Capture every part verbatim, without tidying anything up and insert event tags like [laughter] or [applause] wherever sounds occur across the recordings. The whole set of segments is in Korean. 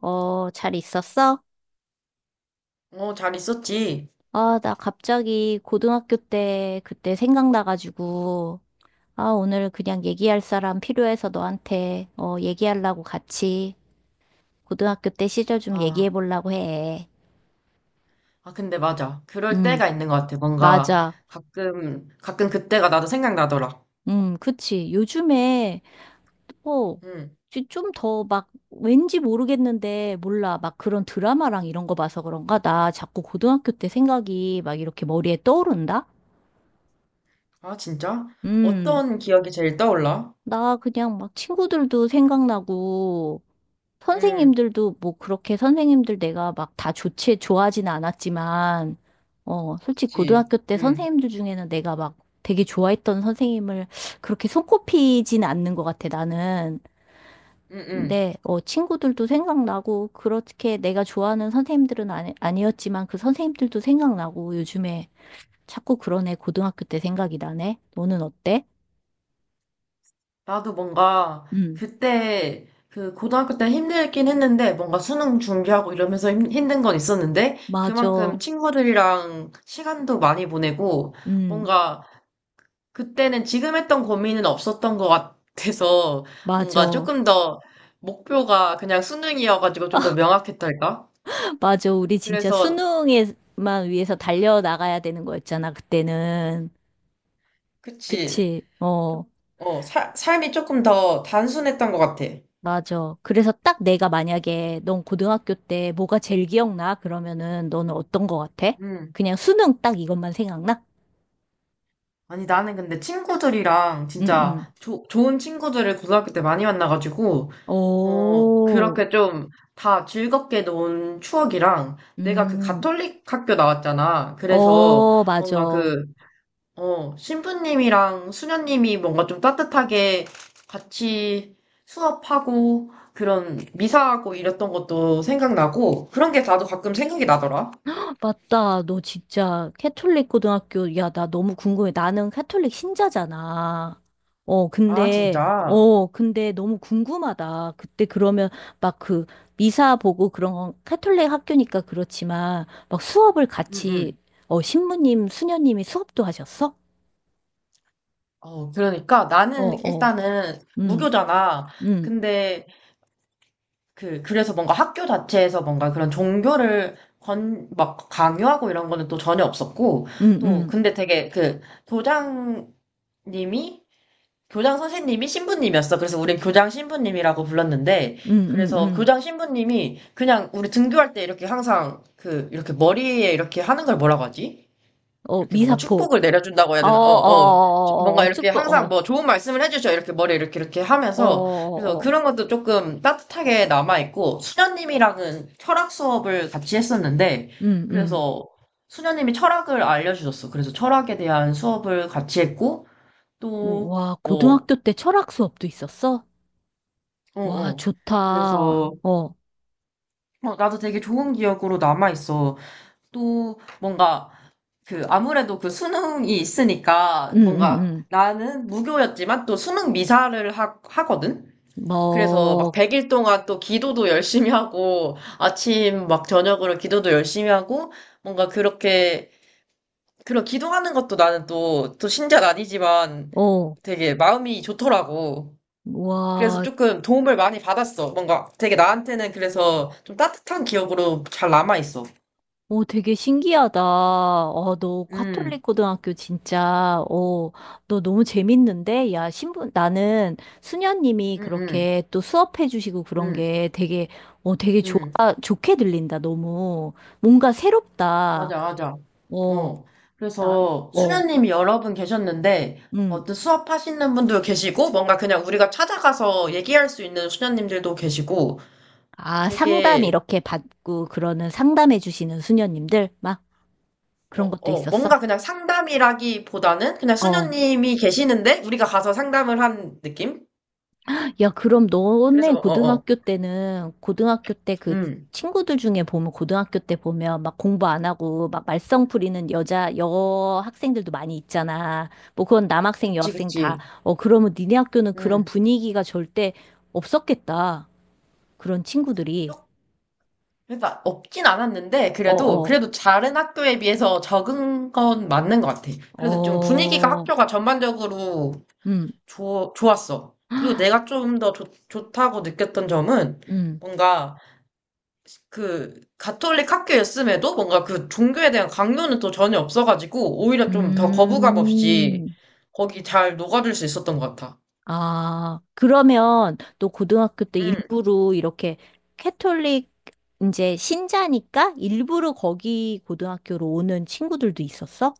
어, 잘 있었어? 어, 잘 있었지. 아, 나 갑자기 고등학교 때 그때 생각나가지고, 아, 오늘 그냥 얘기할 사람 필요해서 너한테, 어, 얘기하려고 같이 고등학교 때 시절 좀 아, 얘기해 보려고 해. 아, 근데 맞아. 그럴 음, 때가 있는 것 같아. 뭔가 맞아. 가끔, 가끔 그때가 나도 생각나더라. 음, 그치. 요즘에, 어, 응. 좀 더 막, 왠지 모르겠는데, 몰라. 막 그런 드라마랑 이런 거 봐서 그런가? 나 자꾸 고등학교 때 생각이 막 이렇게 머리에 떠오른다? 아, 진짜? 음. 어떤 기억이 제일 떠올라? 나 그냥 막 친구들도 생각나고, 응, 선생님들도 뭐 그렇게 선생님들 내가 막 다 좋지, 좋아하진 않았지만, 어, 솔직히 그치. 고등학교 때 응, 선생님들 중에는 내가 막 되게 좋아했던 선생님을 그렇게 손꼽히진 않는 것 같아, 나는. 응, 응. 근데, 어, 친구들도 생각나고, 그렇게 내가 좋아하는 선생님들은 아니, 아니었지만 그 선생님들도 생각나고, 요즘에 자꾸 그러네, 고등학교 때 생각이 나네. 너는 어때? 나도 뭔가 응, 그때, 그 고등학교 때 힘들긴 했는데, 뭔가 수능 준비하고 이러면서 힘, 힘든 건 있었는데, 그만큼 맞아. 친구들이랑 시간도 많이 보내고, 응, 뭔가 그때는 지금 했던 고민은 없었던 것 같아서 뭔가 맞아. 조금 더 목표가 그냥 수능이어가지고 좀 더 명확했달까? 맞아. 우리 진짜 그래서 수능에만 위해서 달려나가야 되는 거였잖아, 그때는. 그치. 그치? 어, 좀- 어, 사- 삶이 조금 더 단순했던 것 같아. 맞아. 그래서 딱 내가 만약에 넌 고등학교 때 뭐가 제일 기억나? 그러면은 너는 어떤 거 같아? 음. 그냥 수능 딱 이것만 생각나? 아니 나는 근데 친구들이랑 응, 응. 진짜 조- 좋은 친구들을 고등학교 때 많이 만나가지고 어 오, 그렇게 좀 다 즐겁게 논 추억이랑 내가 그 음, 가톨릭 학교 나왔잖아. 그래서 어, 뭔가 맞아. 그 어, 신부님이랑 수녀님이 뭔가 좀 따뜻하게 같이 수업하고 그런 미사하고 이랬던 것도 생각나고 그런 게 나도 가끔 생각이 나더라. 맞다. 너 진짜 캐톨릭 고등학교, 야, 나 너무 궁금해. 나는 캐톨릭 신자잖아. 어, 아, 근데, 진짜. 어, 근데 너무 궁금하다. 그때 그러면 막 그 미사 보고 그런 건 캐톨릭 학교니까 그렇지만 막 수업을 응, 같이, 응. 어, 신부님, 수녀님이 수업도 하셨어? 어, 그러니까 어, 나는 어, 일단은 음, 무교잖아. 음, 근데 그, 그래서 뭔가 학교 자체에서 뭔가 그런 종교를 건, 막 강요하고 이런 거는 또 전혀 없었고 음, 또 음, 근데 되게 그 도장님이 교장 선생님이 신부님이었어. 그래서 우린 교장 신부님이라고 불렀는데, 음, 음, 그래서 음. 교장 신부님이 그냥 우리 등교할 때 이렇게 항상 그, 이렇게 머리에 이렇게 하는 걸 뭐라고 하지? 어, 이렇게 뭔가 미사포. 축복을 내려준다고 해야 어, 어, 어, 되나? 어, 어. 어, 어, 뭔가 어, 이렇게 축복, 항상 어, 뭐 좋은 말씀을 해주셔. 이렇게 머리에 이렇게 이렇게 어, 어, 하면서. 그래서 어, 어. 그런 것도 조금 따뜻하게 남아있고, 수녀님이랑은 철학 수업을 같이 했었는데, 음, 음. 그래서 수녀님이 철학을 알려주셨어. 그래서 철학에 대한 수업을 같이 했고, 오, 또, 와, 뭐, 고등학교 때 철학 수업도 있었어? 어, 와, 어. 좋다. 그래서, 어, 어, 나도 되게 좋은 기억으로 남아있어. 또, 뭔가, 그, 아무래도 그 수능이 있으니까, 응, 응, 뭔가, 응. 나는 무교였지만 또 수능 미사를 하, 하거든? 그래서 막 뭐, 백 일 동안 또 기도도 열심히 하고, 아침 막 저녁으로 기도도 열심히 하고, 뭔가 그렇게, 그런 기도하는 것도 나는 또, 또 신자는 아니지만 어, 되게 마음이 좋더라고. 그래서 와, 조금 도움을 많이 받았어. 뭔가 되게 나한테는 그래서 좀 따뜻한 기억으로 잘 남아있어. 오, 되게 신기하다. 어, 너 카톨릭 음, 고등학교 진짜, 어, 너 너무 재밌는데? 야, 신부, 나는 수녀님이 음, 음, 그렇게 또 수업해 주시고 그런 음, 게 되게, 어, 되게 좋아, 음. 좋게 들린다, 너무. 뭔가 새롭다. 맞아, 맞아. 어, 어. 나, 그래서 어, 수녀님이 여러 분 계셨는데, 응. 어떤 수업하시는 분도 계시고, 뭔가 그냥 우리가 찾아가서 얘기할 수 있는 수녀님들도 계시고, 아, 상담 되게, 이렇게 받고 그러는 상담해 주시는 수녀님들 막 어, 그런 것도 어, 있었어. 뭔가 그냥 상담이라기보다는 그냥 어. 수녀님이 계시는데, 우리가 가서 상담을 한 느낌? 야, 그럼 너네 그래서, 어, 어. 고등학교 때는 고등학교 때 그 음. 친구들 중에 보면 고등학교 때 보면 막 공부 안 하고 막 말썽 부리는 여자 여 학생들도 많이 있잖아. 뭐 그건 남학생 그치, 여학생 다. 그치. 어, 그러면 니네 학교는 그런 음. 분위기가 절대 없었겠다. 그런 친구들이. 그러니까 없진 않았는데 어, 그래도 어. 그래도 다른 학교에 비해서 적은 건 맞는 것 같아. 그래도 좀 분위기가 어. 학교가 전반적으로 음. 좋 좋았어. 그리고 내가 [gasps] 좀 더 좋다고 느꼈던 점은 음. 뭔가 그 가톨릭 학교였음에도 뭔가 그 종교에 대한 강요는 또 전혀 없어가지고 오히려 좀 더 거부감 없이 음. 거기 잘 녹아들 수 있었던 것 같아. 아, 그러면 또 고등학교 때 음. 일부러 이렇게 캐톨릭 이제 신자니까 일부러 거기 고등학교로 오는 친구들도 있었어?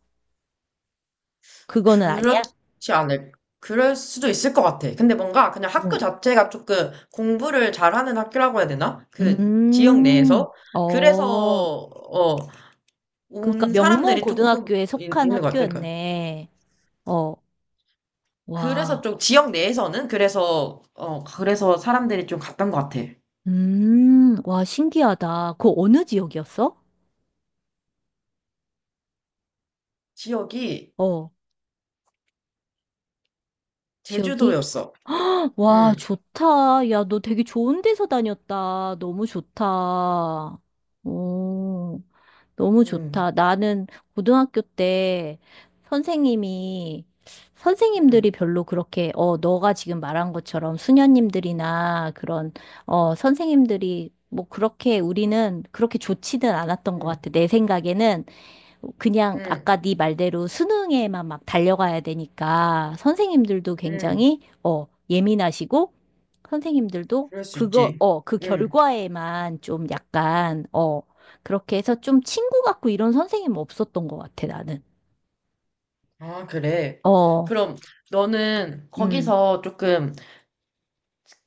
그거는 아니야? 그렇지 않을, 그럴 수도 있을 것 같아. 근데 뭔가 그냥 학교 응. 자체가 조금 공부를 잘하는 학교라고 해야 되나? 그 지역 음, 내에서. 그래서, 어, 어, 그러니까 온 명문 사람들이 조금 고등학교에 있, 속한 는것 같아. 그러니까 학교였네. 어, 그래서 와, 좀 지역 내에서는 그래서, 어, 그래서 사람들이 좀 갔던 것 같아. 음, 와, 신기하다. 그 어느 지역이었어? 지역이 어, 지역이? 제주도였어. 와, 응, 좋다. 야, 너 되게 좋은 데서 다녔다. 너무 좋다. 오, 너무 응, 좋다. 나는 고등학교 때 선생님이, 응, 선생님들이 별로 그렇게, 어, 너가 지금 말한 것처럼 수녀님들이나 그런, 어, 선생님들이 뭐 그렇게 우리는 그렇게 좋지는 않았던 것 응, 같아. 내 생각에는 그냥 응, 아까 네 말대로 수능에만 막 달려가야 되니까 선생님들도 응. 굉장히, 어, 예민하시고, 선생님들도 그럴 수 그거, 있지. 어, 그 응. 결과에만 좀 약간, 어, 그렇게 해서 좀 친구 같고 이런 선생님 없었던 것 같아, 나는. 아, 그래. 어, 그럼 너는 음. 거기서 조금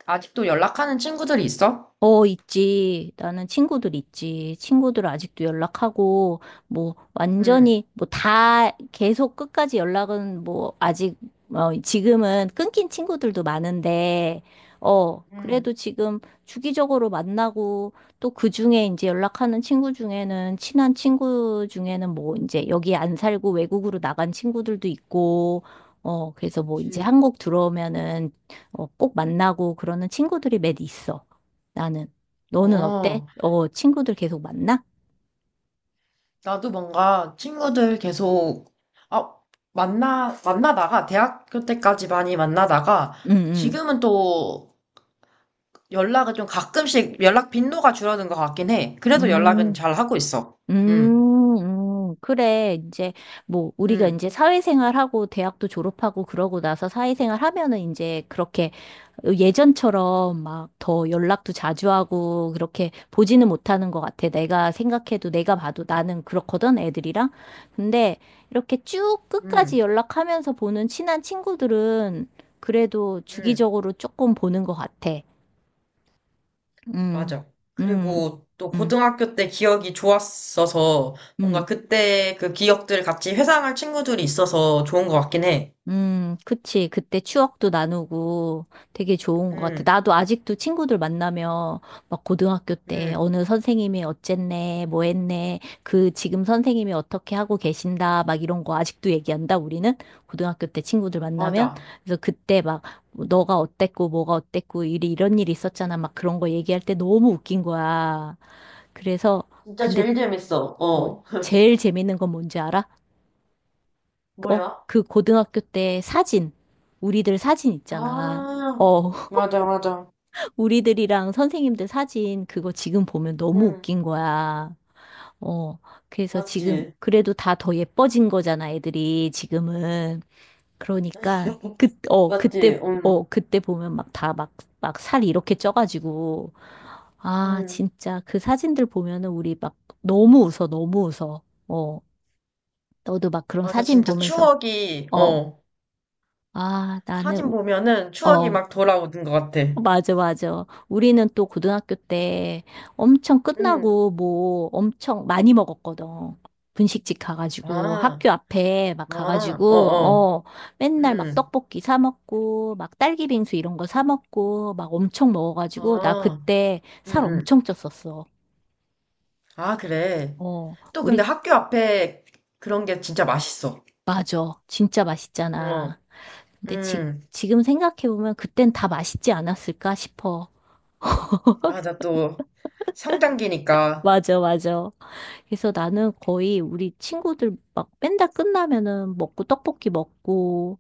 아직도 연락하는 친구들이 있어? 어, 있지. 나는 친구들 있지. 친구들 아직도 연락하고, 뭐, 응. 완전히, 뭐, 다, 계속 끝까지 연락은, 뭐, 아직, 어, 지금은 끊긴 친구들도 많은데, 어, 응, 그래도 지금 주기적으로 만나고, 또 그 중에 이제 연락하는 친구 중에는, 친한 친구 중에는 뭐, 이제 여기 안 살고 외국으로 나간 친구들도 있고, 어, 그래서 뭐, 이제 그치. 한국 들어오면은, 어, 꼭 만나고 그러는 친구들이 몇 있어. 나는. 너는 어때? 어, 어, 친구들 계속 만나? 나도 뭔가 친구들 계속, 아, 만나, 만나다가, 대학교 때까지 많이 만나다가, 응, 응. 지금은 또 연락을 좀 가끔씩 연락 빈도가 줄어든 것 같긴 해. 그래도 연락은 음, 잘 하고 있어. 응, 음, 음. 그래. 이제, 뭐, 우리가 응, 이제 사회생활하고 대학도 졸업하고 그러고 나서 사회생활 하면은 이제 그렇게 예전처럼 막 더 연락도 자주 하고 그렇게 보지는 못하는 것 같아. 내가 생각해도 내가 봐도 나는 그렇거든, 애들이랑. 근데 이렇게 쭉 끝까지 응, 연락하면서 보는 친한 친구들은 그래도 응. 주기적으로 조금 보는 것 같아. 음, 맞아. 음, 그리고 또 음, 고등학교 때 기억이 좋았어서 뭔가 음, 그때 그 기억들 같이 회상할 친구들이 있어서 좋은 것 같긴 해. 음, 그치. 그때 추억도 나누고 되게 좋은 것 같아. 응 나도 아직도 친구들 만나면 막 고등학교 때 응 어느 선생님이 어쨌네, 뭐 했네, 그 지금 선생님이 어떻게 하고 계신다, 막 이런 거 아직도 얘기한다, 우리는? 고등학교 때 친구들 만나면? 맞아. 그래서 그때 막 뭐 너가 어땠고, 뭐가 어땠고, 이리 이런 일이 있었잖아. 막 그런 거 얘기할 때 너무 웃긴 거야. 그래서, 진짜 근데 제일 재밌어. 뭐, 어. [laughs] 제일 재밌는 건 뭔지 알아? 어, 뭐야? 그 고등학교 때 사진, 우리들 사진 있잖아. 아, 어, [laughs] 맞아, 맞아. 우리들이랑 선생님들 사진, 그거 지금 보면 너무 응, 웃긴 거야. 어, 그래서 맞지. 지금, 그래도 다 더 예뻐진 거잖아, 애들이 지금은. 그러니까, [laughs] 그, 어, 그때, 맞지, 응, 어, 그때 보면 막 다 막, 막 살 이렇게 쪄가지고. 아, 응. 진짜, 그 사진들 보면은 우리 막 너무 웃어, 너무 웃어. 어, 너도 막 그런 맞아, 사진 진짜 보면서, 추억이, 어, 어, 아, 나는, 사진 우- 보면은 추억이 어, 막 돌아오는 것 같아. 어, 맞아, 맞아. 우리는 또 고등학교 때 엄청 응, 끝나고 뭐 엄청 많이 먹었거든. 분식집 가가지고 아, 학교 앞에 막 아, 어 가가지고 어, 어 맨날 막 응, 떡볶이 사 먹고 막 딸기 빙수 이런 거 사 먹고 막 엄청 먹어가지고 나 아. 그때 응, 살 응. 엄청 쪘었어. 아, 그래. 어 또 근데 우리 학교 앞에 그런 게 진짜 맛있어. 맞아. 진짜 어, 맛있잖아. 근데 지, 음, 지금 생각해보면 그땐 다 맛있지 않았을까 싶어. 맞아. 또 성장기니까. 맞아, 맞아. 그래서 나는 거의 우리 친구들 막 밴드 끝나면은 먹고 떡볶이 먹고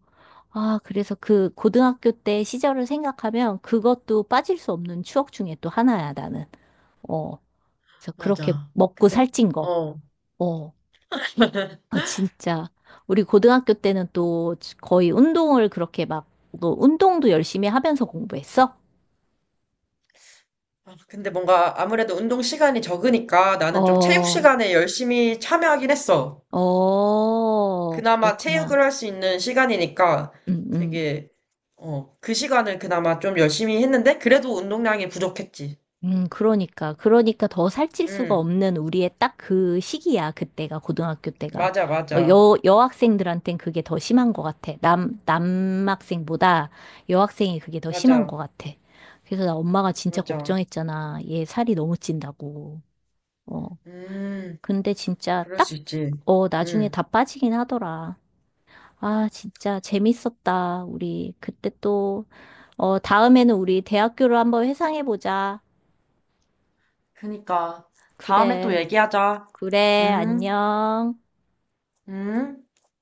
아 그래서 그 고등학교 때 시절을 생각하면 그것도 빠질 수 없는 추억 중에 또 하나야 나는 어 그래서 그렇게 맞아. 먹고 근데, 그- 살찐 거 어. 어 [laughs] 아, 진짜 우리 고등학교 때는 또 거의 운동을 그렇게 막 너 운동도 열심히 하면서 공부했어? 아, 근데 뭔가 아무래도 운동 시간이 적으니까 나는 좀 체육 어, 시간에 열심히 참여하긴 했어. 어, 그나마 그랬구나. 체육을 할 수 있는 시간이니까 응, 응. 되게, 어, 그 시간을 그나마 좀 열심히 했는데 그래도 운동량이 부족했지. 음, 그러니까. 그러니까 더 살찔 수가 응, 없는 우리의 딱 그 시기야. 그때가, 고등학교 때가. 맞아, 어, 맞아. 여, 여학생들한텐 그게 더 심한 것 같아. 남, 남학생보다 여학생이 그게 더 심한 것 맞아, 같아. 그래서 나 엄마가 진짜 맞아. 걱정했잖아. 얘 살이 너무 찐다고. 어, 음. 근데 진짜 그럴 수 딱, 있지. 어, 나중에 응. 다 빠지긴 하더라. 아, 진짜 재밌었다. 우리 그때 또, 어, 다음에는 우리 대학교를 한번 회상해보자. 그니까. 다음에 또 그래. 얘기하자. 그래, 응? 안녕. 응?